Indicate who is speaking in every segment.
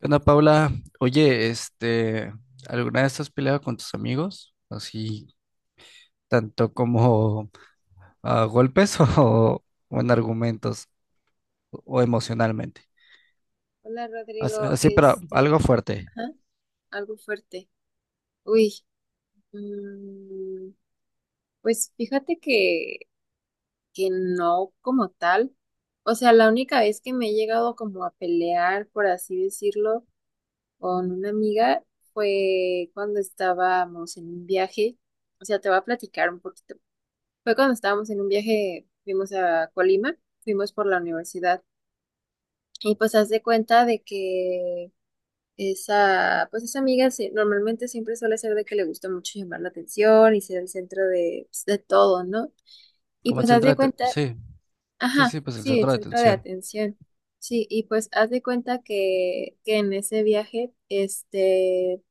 Speaker 1: ¿Qué onda, Paula? Oye, ¿alguna vez has peleado con tus amigos? Así, tanto como a golpes o en argumentos o emocionalmente.
Speaker 2: Hola Rodrigo,
Speaker 1: Así, pero algo fuerte.
Speaker 2: ajá, algo fuerte. Uy, mm, pues fíjate que no como tal. O sea, la única vez que me he llegado como a pelear, por así decirlo, con una amiga fue cuando estábamos en un viaje. O sea, te voy a platicar un poquito. Fue cuando estábamos en un viaje, fuimos a Colima, fuimos por la universidad. Y pues haz de cuenta de que esa amiga sí, normalmente siempre suele ser de que le gusta mucho llamar la atención y ser el centro de, pues, de todo, ¿no? Y
Speaker 1: Como el
Speaker 2: pues haz
Speaker 1: centro
Speaker 2: de
Speaker 1: de atención.
Speaker 2: cuenta,
Speaker 1: Sí, sí,
Speaker 2: ajá,
Speaker 1: sí, pues el
Speaker 2: sí, el
Speaker 1: centro de
Speaker 2: centro de
Speaker 1: atención.
Speaker 2: atención. Sí, y pues haz de cuenta que en ese viaje,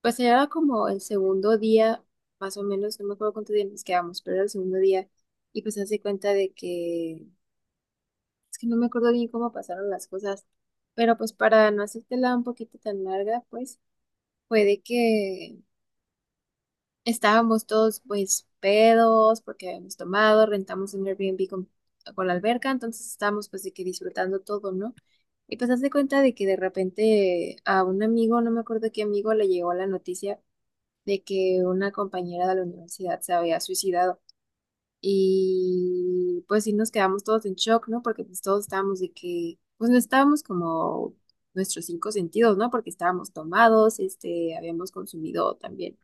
Speaker 2: pues era como el segundo día, más o menos, no me acuerdo cuántos días nos quedamos, pero era el segundo día. Y pues haz de cuenta de que, es que no me acuerdo bien cómo pasaron las cosas, pero pues para no hacértela un poquito tan larga, pues fue de que estábamos todos pues pedos porque habíamos tomado, rentamos un Airbnb con la alberca, entonces estábamos pues de que disfrutando todo, ¿no? Y pues haz de cuenta de que de repente a un amigo, no me acuerdo qué amigo, le llegó la noticia de que una compañera de la universidad se había suicidado. Y pues sí nos quedamos todos en shock, ¿no? Porque pues todos estábamos de que, pues no estábamos como nuestros cinco sentidos, ¿no? Porque estábamos tomados, habíamos consumido también,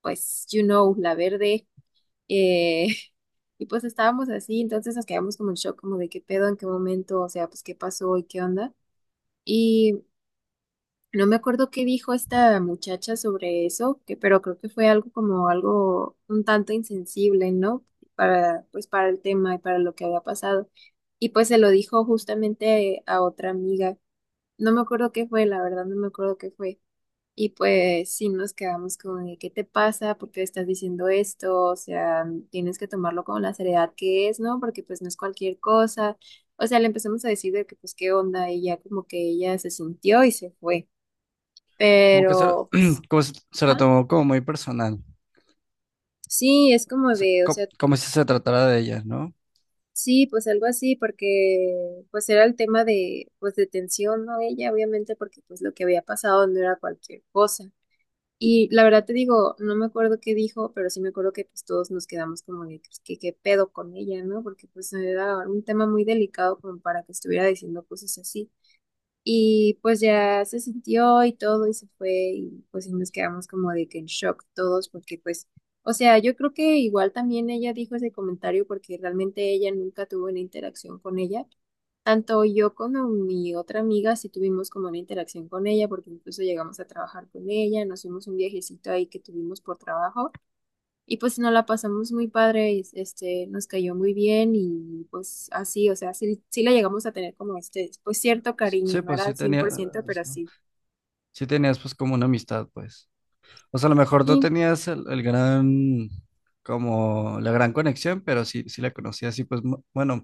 Speaker 2: pues, you know, la verde. Eh, y pues estábamos así, entonces nos quedamos como en shock, como de qué pedo, en qué momento, o sea, pues qué pasó y qué onda. Y no me acuerdo qué dijo esta muchacha sobre eso, pero creo que fue algo como algo un tanto insensible, ¿no? Pues para el tema y para lo que había pasado. Y pues se lo dijo justamente a otra amiga. No me acuerdo qué fue, la verdad, no me acuerdo qué fue. Y pues sí nos quedamos con de, ¿qué te pasa? ¿Por qué estás diciendo esto? O sea, tienes que tomarlo con la seriedad que es, ¿no? Porque pues no es cualquier cosa. O sea, le empezamos a decir de que pues qué onda y ya como que ella se sintió y se fue.
Speaker 1: Como que se,
Speaker 2: Pero pues,
Speaker 1: Como se lo
Speaker 2: ajá.
Speaker 1: tomó como muy personal.
Speaker 2: Sí, es como
Speaker 1: Sea,
Speaker 2: de, o sea,
Speaker 1: como, si se tratara de ellas, ¿no?
Speaker 2: sí, pues algo así porque pues era el tema de pues de tensión, ¿no? Ella obviamente porque pues lo que había pasado no era cualquier cosa. Y la verdad te digo, no me acuerdo qué dijo, pero sí me acuerdo que pues todos nos quedamos como de pues, que qué pedo con ella, ¿no? Porque pues era un tema muy delicado como para que estuviera diciendo cosas así. Y pues ya se sintió y todo y se fue y pues sí nos quedamos como de que en shock todos porque pues, o sea, yo creo que igual también ella dijo ese comentario porque realmente ella nunca tuvo una interacción con ella. Tanto yo como mi otra amiga sí tuvimos como una interacción con ella, porque incluso llegamos a trabajar con ella, nos fuimos un viajecito ahí que tuvimos por trabajo y pues nos la pasamos muy padre, y, nos cayó muy bien y pues así, o sea, sí, sí la llegamos a tener como este, pues cierto
Speaker 1: Sí,
Speaker 2: cariño,
Speaker 1: sí,
Speaker 2: no
Speaker 1: pues
Speaker 2: era al cien por ciento pero sí.
Speaker 1: sí tenías pues como una amistad, pues. O sea, a lo mejor no
Speaker 2: Sí,
Speaker 1: tenías el gran, como la gran conexión, pero sí, sí la conocías y pues, bueno,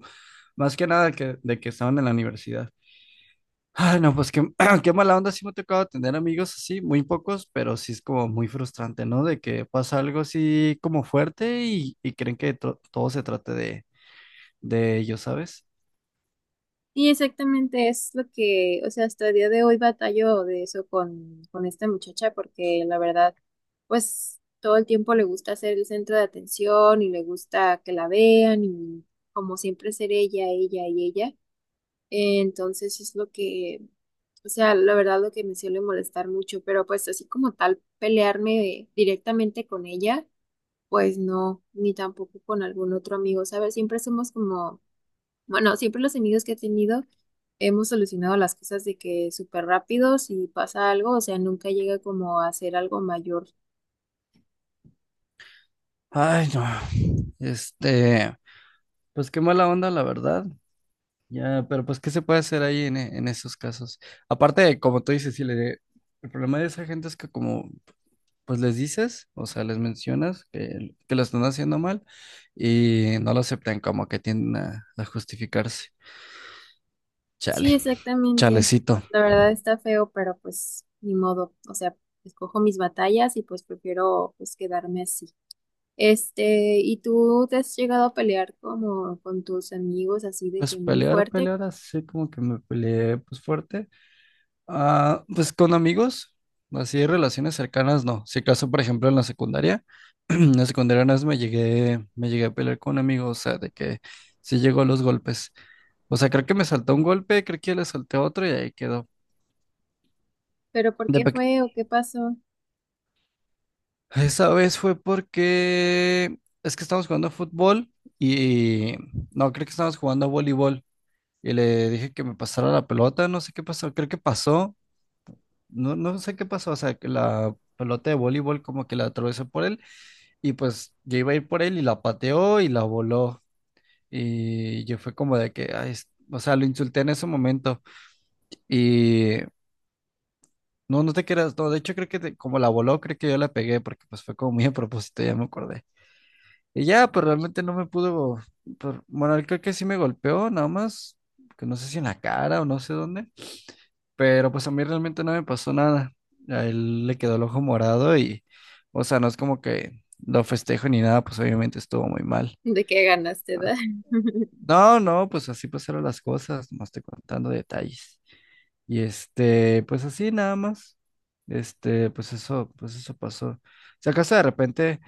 Speaker 1: más que nada que, de que estaban en la universidad. Ay, no, pues qué, qué mala onda, sí me ha tocado tener amigos así, muy pocos, pero sí es como muy frustrante, ¿no? De que pasa algo así como fuerte y creen que todo se trate de ellos, ¿sabes?
Speaker 2: y exactamente es lo que, o sea, hasta el día de hoy batallo de eso con esta muchacha, porque la verdad, pues todo el tiempo le gusta ser el centro de atención y le gusta que la vean y como siempre ser ella, ella y ella. Entonces es lo que, o sea, la verdad lo que me suele molestar mucho, pero pues así como tal, pelearme directamente con ella, pues no, ni tampoco con algún otro amigo, ¿sabes? Siempre somos como bueno, siempre los amigos que he tenido hemos solucionado las cosas de que súper rápido si pasa algo, o sea, nunca llega como a ser algo mayor.
Speaker 1: Ay, no. Este, Pues qué mala onda, la verdad. Ya, pero pues, ¿qué se puede hacer ahí en esos casos? Aparte, como tú dices, sí, el problema de esa gente es que como, pues les dices, o sea, les mencionas que lo están haciendo mal y no lo aceptan, como que tienden a justificarse. Chale,
Speaker 2: Sí, exactamente.
Speaker 1: chalecito.
Speaker 2: Pues, la verdad está feo, pero pues ni modo. O sea, escojo mis batallas y pues prefiero pues quedarme así. Este, ¿y tú te has llegado a pelear como con tus amigos así de
Speaker 1: Pues
Speaker 2: que muy
Speaker 1: pelear,
Speaker 2: fuerte?
Speaker 1: pelear, así como que me peleé, pues fuerte. Ah, pues con amigos, así relaciones cercanas, no. Si acaso, por ejemplo, en la secundaria, en la secundaria una vez me llegué a pelear con amigos, o sea, de que sí llegó a los golpes. O sea, creo que me saltó un golpe, creo que le salté otro y ahí quedó.
Speaker 2: ¿Pero por
Speaker 1: De
Speaker 2: qué
Speaker 1: peque-
Speaker 2: fue o qué pasó?
Speaker 1: Esa vez fue porque es que estábamos jugando fútbol y no, creo que estábamos jugando voleibol y le dije que me pasara la pelota, no sé qué pasó, creo que pasó no, no sé qué pasó, o sea, que la pelota de voleibol como que la atravesó por él y pues yo iba a ir por él y la pateó y la voló y yo fue como de que, ay, o sea, lo insulté en ese momento y no, no te creas, no, de hecho creo que como la voló, creo que yo la pegué porque pues fue como muy a propósito, ya me acordé. Y ya, pero realmente no me pudo, pero, bueno, él creo que sí me golpeó, nada más, que no sé si en la cara o no sé dónde. Pero pues a mí realmente no me pasó nada. A él le quedó el ojo morado y, o sea, no es como que lo festejo ni nada, pues obviamente estuvo muy mal.
Speaker 2: ¿De qué ganaste,
Speaker 1: Ah.
Speaker 2: da?
Speaker 1: No, no, pues así pasaron las cosas, nomás estoy contando detalles. Y pues así nada más. Pues eso, pues eso pasó. Si acaso de repente,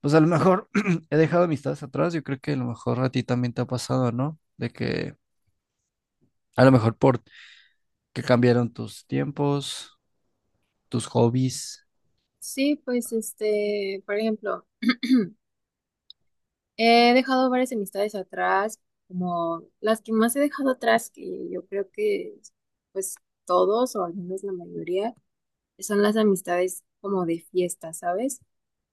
Speaker 1: pues a lo mejor he dejado amistades atrás, yo creo que a lo mejor a ti también te ha pasado, ¿no? De que a lo mejor por que cambiaron tus tiempos, tus hobbies.
Speaker 2: Sí, pues este, por ejemplo. He dejado varias amistades atrás, como las que más he dejado atrás, que yo creo que pues todos o al menos la mayoría son las amistades como de fiesta, ¿sabes?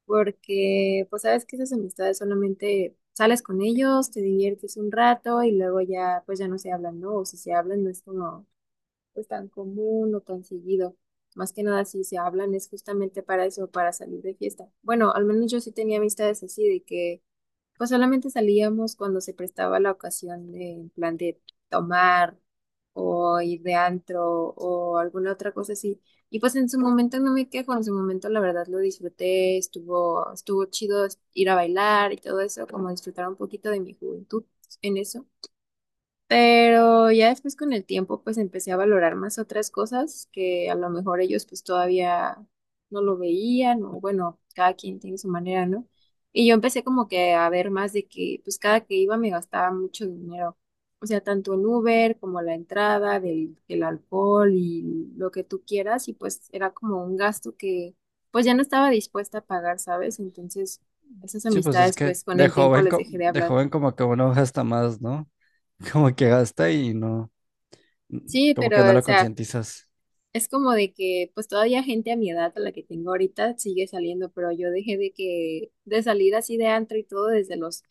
Speaker 2: Porque pues sabes que esas amistades solamente sales con ellos, te diviertes un rato y luego ya pues ya no se hablan, ¿no? O si se hablan no es como pues tan común o tan seguido. Más que nada si se hablan es justamente para eso, para salir de fiesta. Bueno, al menos yo sí tenía amistades así de que pues solamente salíamos cuando se prestaba la ocasión de, en plan de tomar o ir de antro o alguna otra cosa así. Y pues en su momento no me quejo, en su momento la verdad lo disfruté, estuvo chido ir a bailar y todo eso, como disfrutar un poquito de mi juventud en eso. Pero ya después con el tiempo pues empecé a valorar más otras cosas que a lo mejor ellos pues todavía no lo veían o bueno, cada quien tiene su manera, ¿no? Y yo empecé como que a ver más de que pues cada que iba me gastaba mucho dinero, o sea, tanto en Uber como la entrada del alcohol y lo que tú quieras y pues era como un gasto que pues ya no estaba dispuesta a pagar, ¿sabes? Entonces esas
Speaker 1: Sí, pues es
Speaker 2: amistades
Speaker 1: que
Speaker 2: pues con
Speaker 1: de
Speaker 2: el tiempo
Speaker 1: joven,
Speaker 2: les dejé de
Speaker 1: de
Speaker 2: hablar.
Speaker 1: joven como que uno gasta más, ¿no? Como que gasta y no,
Speaker 2: Sí,
Speaker 1: como que no
Speaker 2: pero o
Speaker 1: lo
Speaker 2: sea...
Speaker 1: concientizas.
Speaker 2: Es como de que, pues todavía gente a mi edad, a la que tengo ahorita, sigue saliendo, pero yo dejé de salir así de antro y todo desde los,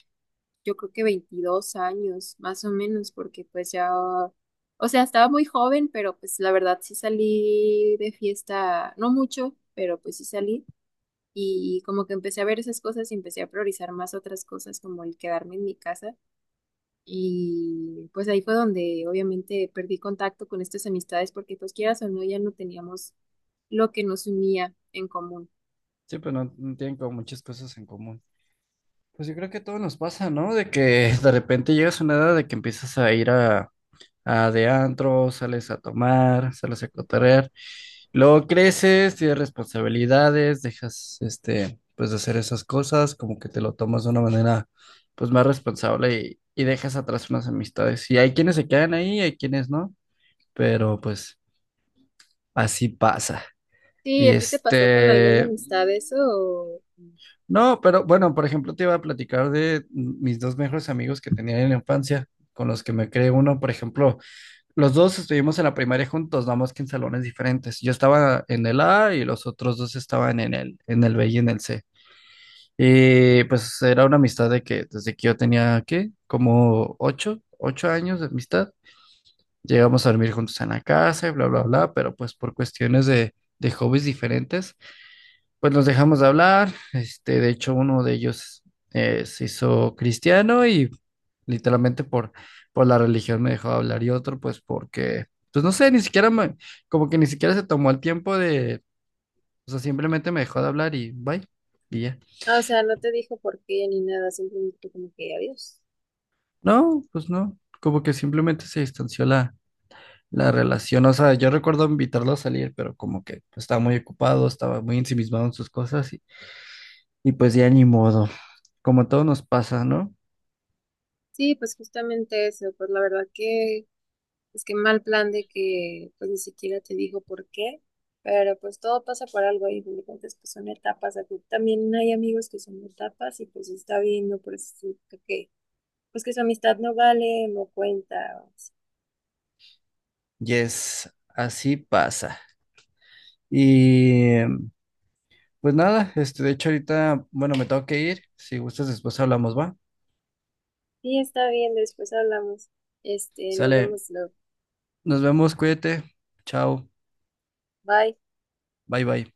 Speaker 2: yo creo que 22 años, más o menos, porque pues ya, o sea, estaba muy joven, pero pues la verdad sí salí de fiesta, no mucho, pero pues sí salí y como que empecé a ver esas cosas y empecé a priorizar más otras cosas como el quedarme en mi casa y pues ahí fue donde obviamente perdí contacto con estas amistades porque pues quieras o no, ya no teníamos lo que nos unía en común.
Speaker 1: Sí, pues no, no tienen como muchas cosas en común. Pues yo creo que a todos nos pasa, ¿no? De que de repente llegas a una edad de que empiezas a ir a de antro, sales a tomar, sales a cotorrear, luego creces, tienes responsabilidades, dejas pues de hacer esas cosas, como que te lo tomas de una manera pues más responsable y dejas atrás unas amistades. Y hay quienes se quedan ahí, hay quienes no, pero pues así pasa.
Speaker 2: Sí,
Speaker 1: Y
Speaker 2: ¿a ti te pasó con alguna amistad eso? O,
Speaker 1: no, pero bueno, por ejemplo, te iba a platicar de mis dos mejores amigos que tenía en la infancia, con los que me creé uno, por ejemplo, los dos estuvimos en la primaria juntos, nada más que en salones diferentes. Yo estaba en el A y los otros dos estaban en el B y en el C. Y pues era una amistad de que desde que yo tenía, ¿qué? Como ocho, ocho años de amistad. Llegamos a dormir juntos en la casa y bla, bla, bla, pero pues por cuestiones de hobbies diferentes pues nos dejamos de hablar, de hecho uno de ellos se hizo cristiano y literalmente por la religión me dejó de hablar y otro pues porque, pues no sé, ni siquiera me, como que ni siquiera se tomó el tiempo de, o sea, simplemente me dejó de hablar y bye, y ya.
Speaker 2: ah, o sea, no te dijo por qué ni nada, simplemente como que adiós.
Speaker 1: No, pues no, como que simplemente se distanció la relación, o sea, yo recuerdo invitarlo a salir, pero como que estaba muy ocupado, estaba muy ensimismado en sus cosas y pues ya ni modo, como todo nos pasa, ¿no?
Speaker 2: Sí, pues justamente eso, pues la verdad que es que mal plan de que pues ni siquiera te dijo por qué, pero pues todo pasa por algo y de cuentas pues son etapas, aquí también hay amigos que son etapas y pues está bien, no por eso significa que pues que su amistad no vale, no cuenta. O así.
Speaker 1: Yes, así pasa. Y pues nada, de hecho ahorita, bueno, me tengo que ir. Si gustas, después hablamos, ¿va?
Speaker 2: Sí, está bien, después hablamos. Este, nos
Speaker 1: Sale,
Speaker 2: vemos luego.
Speaker 1: nos vemos, cuídate. Chao,
Speaker 2: Bye.
Speaker 1: bye bye.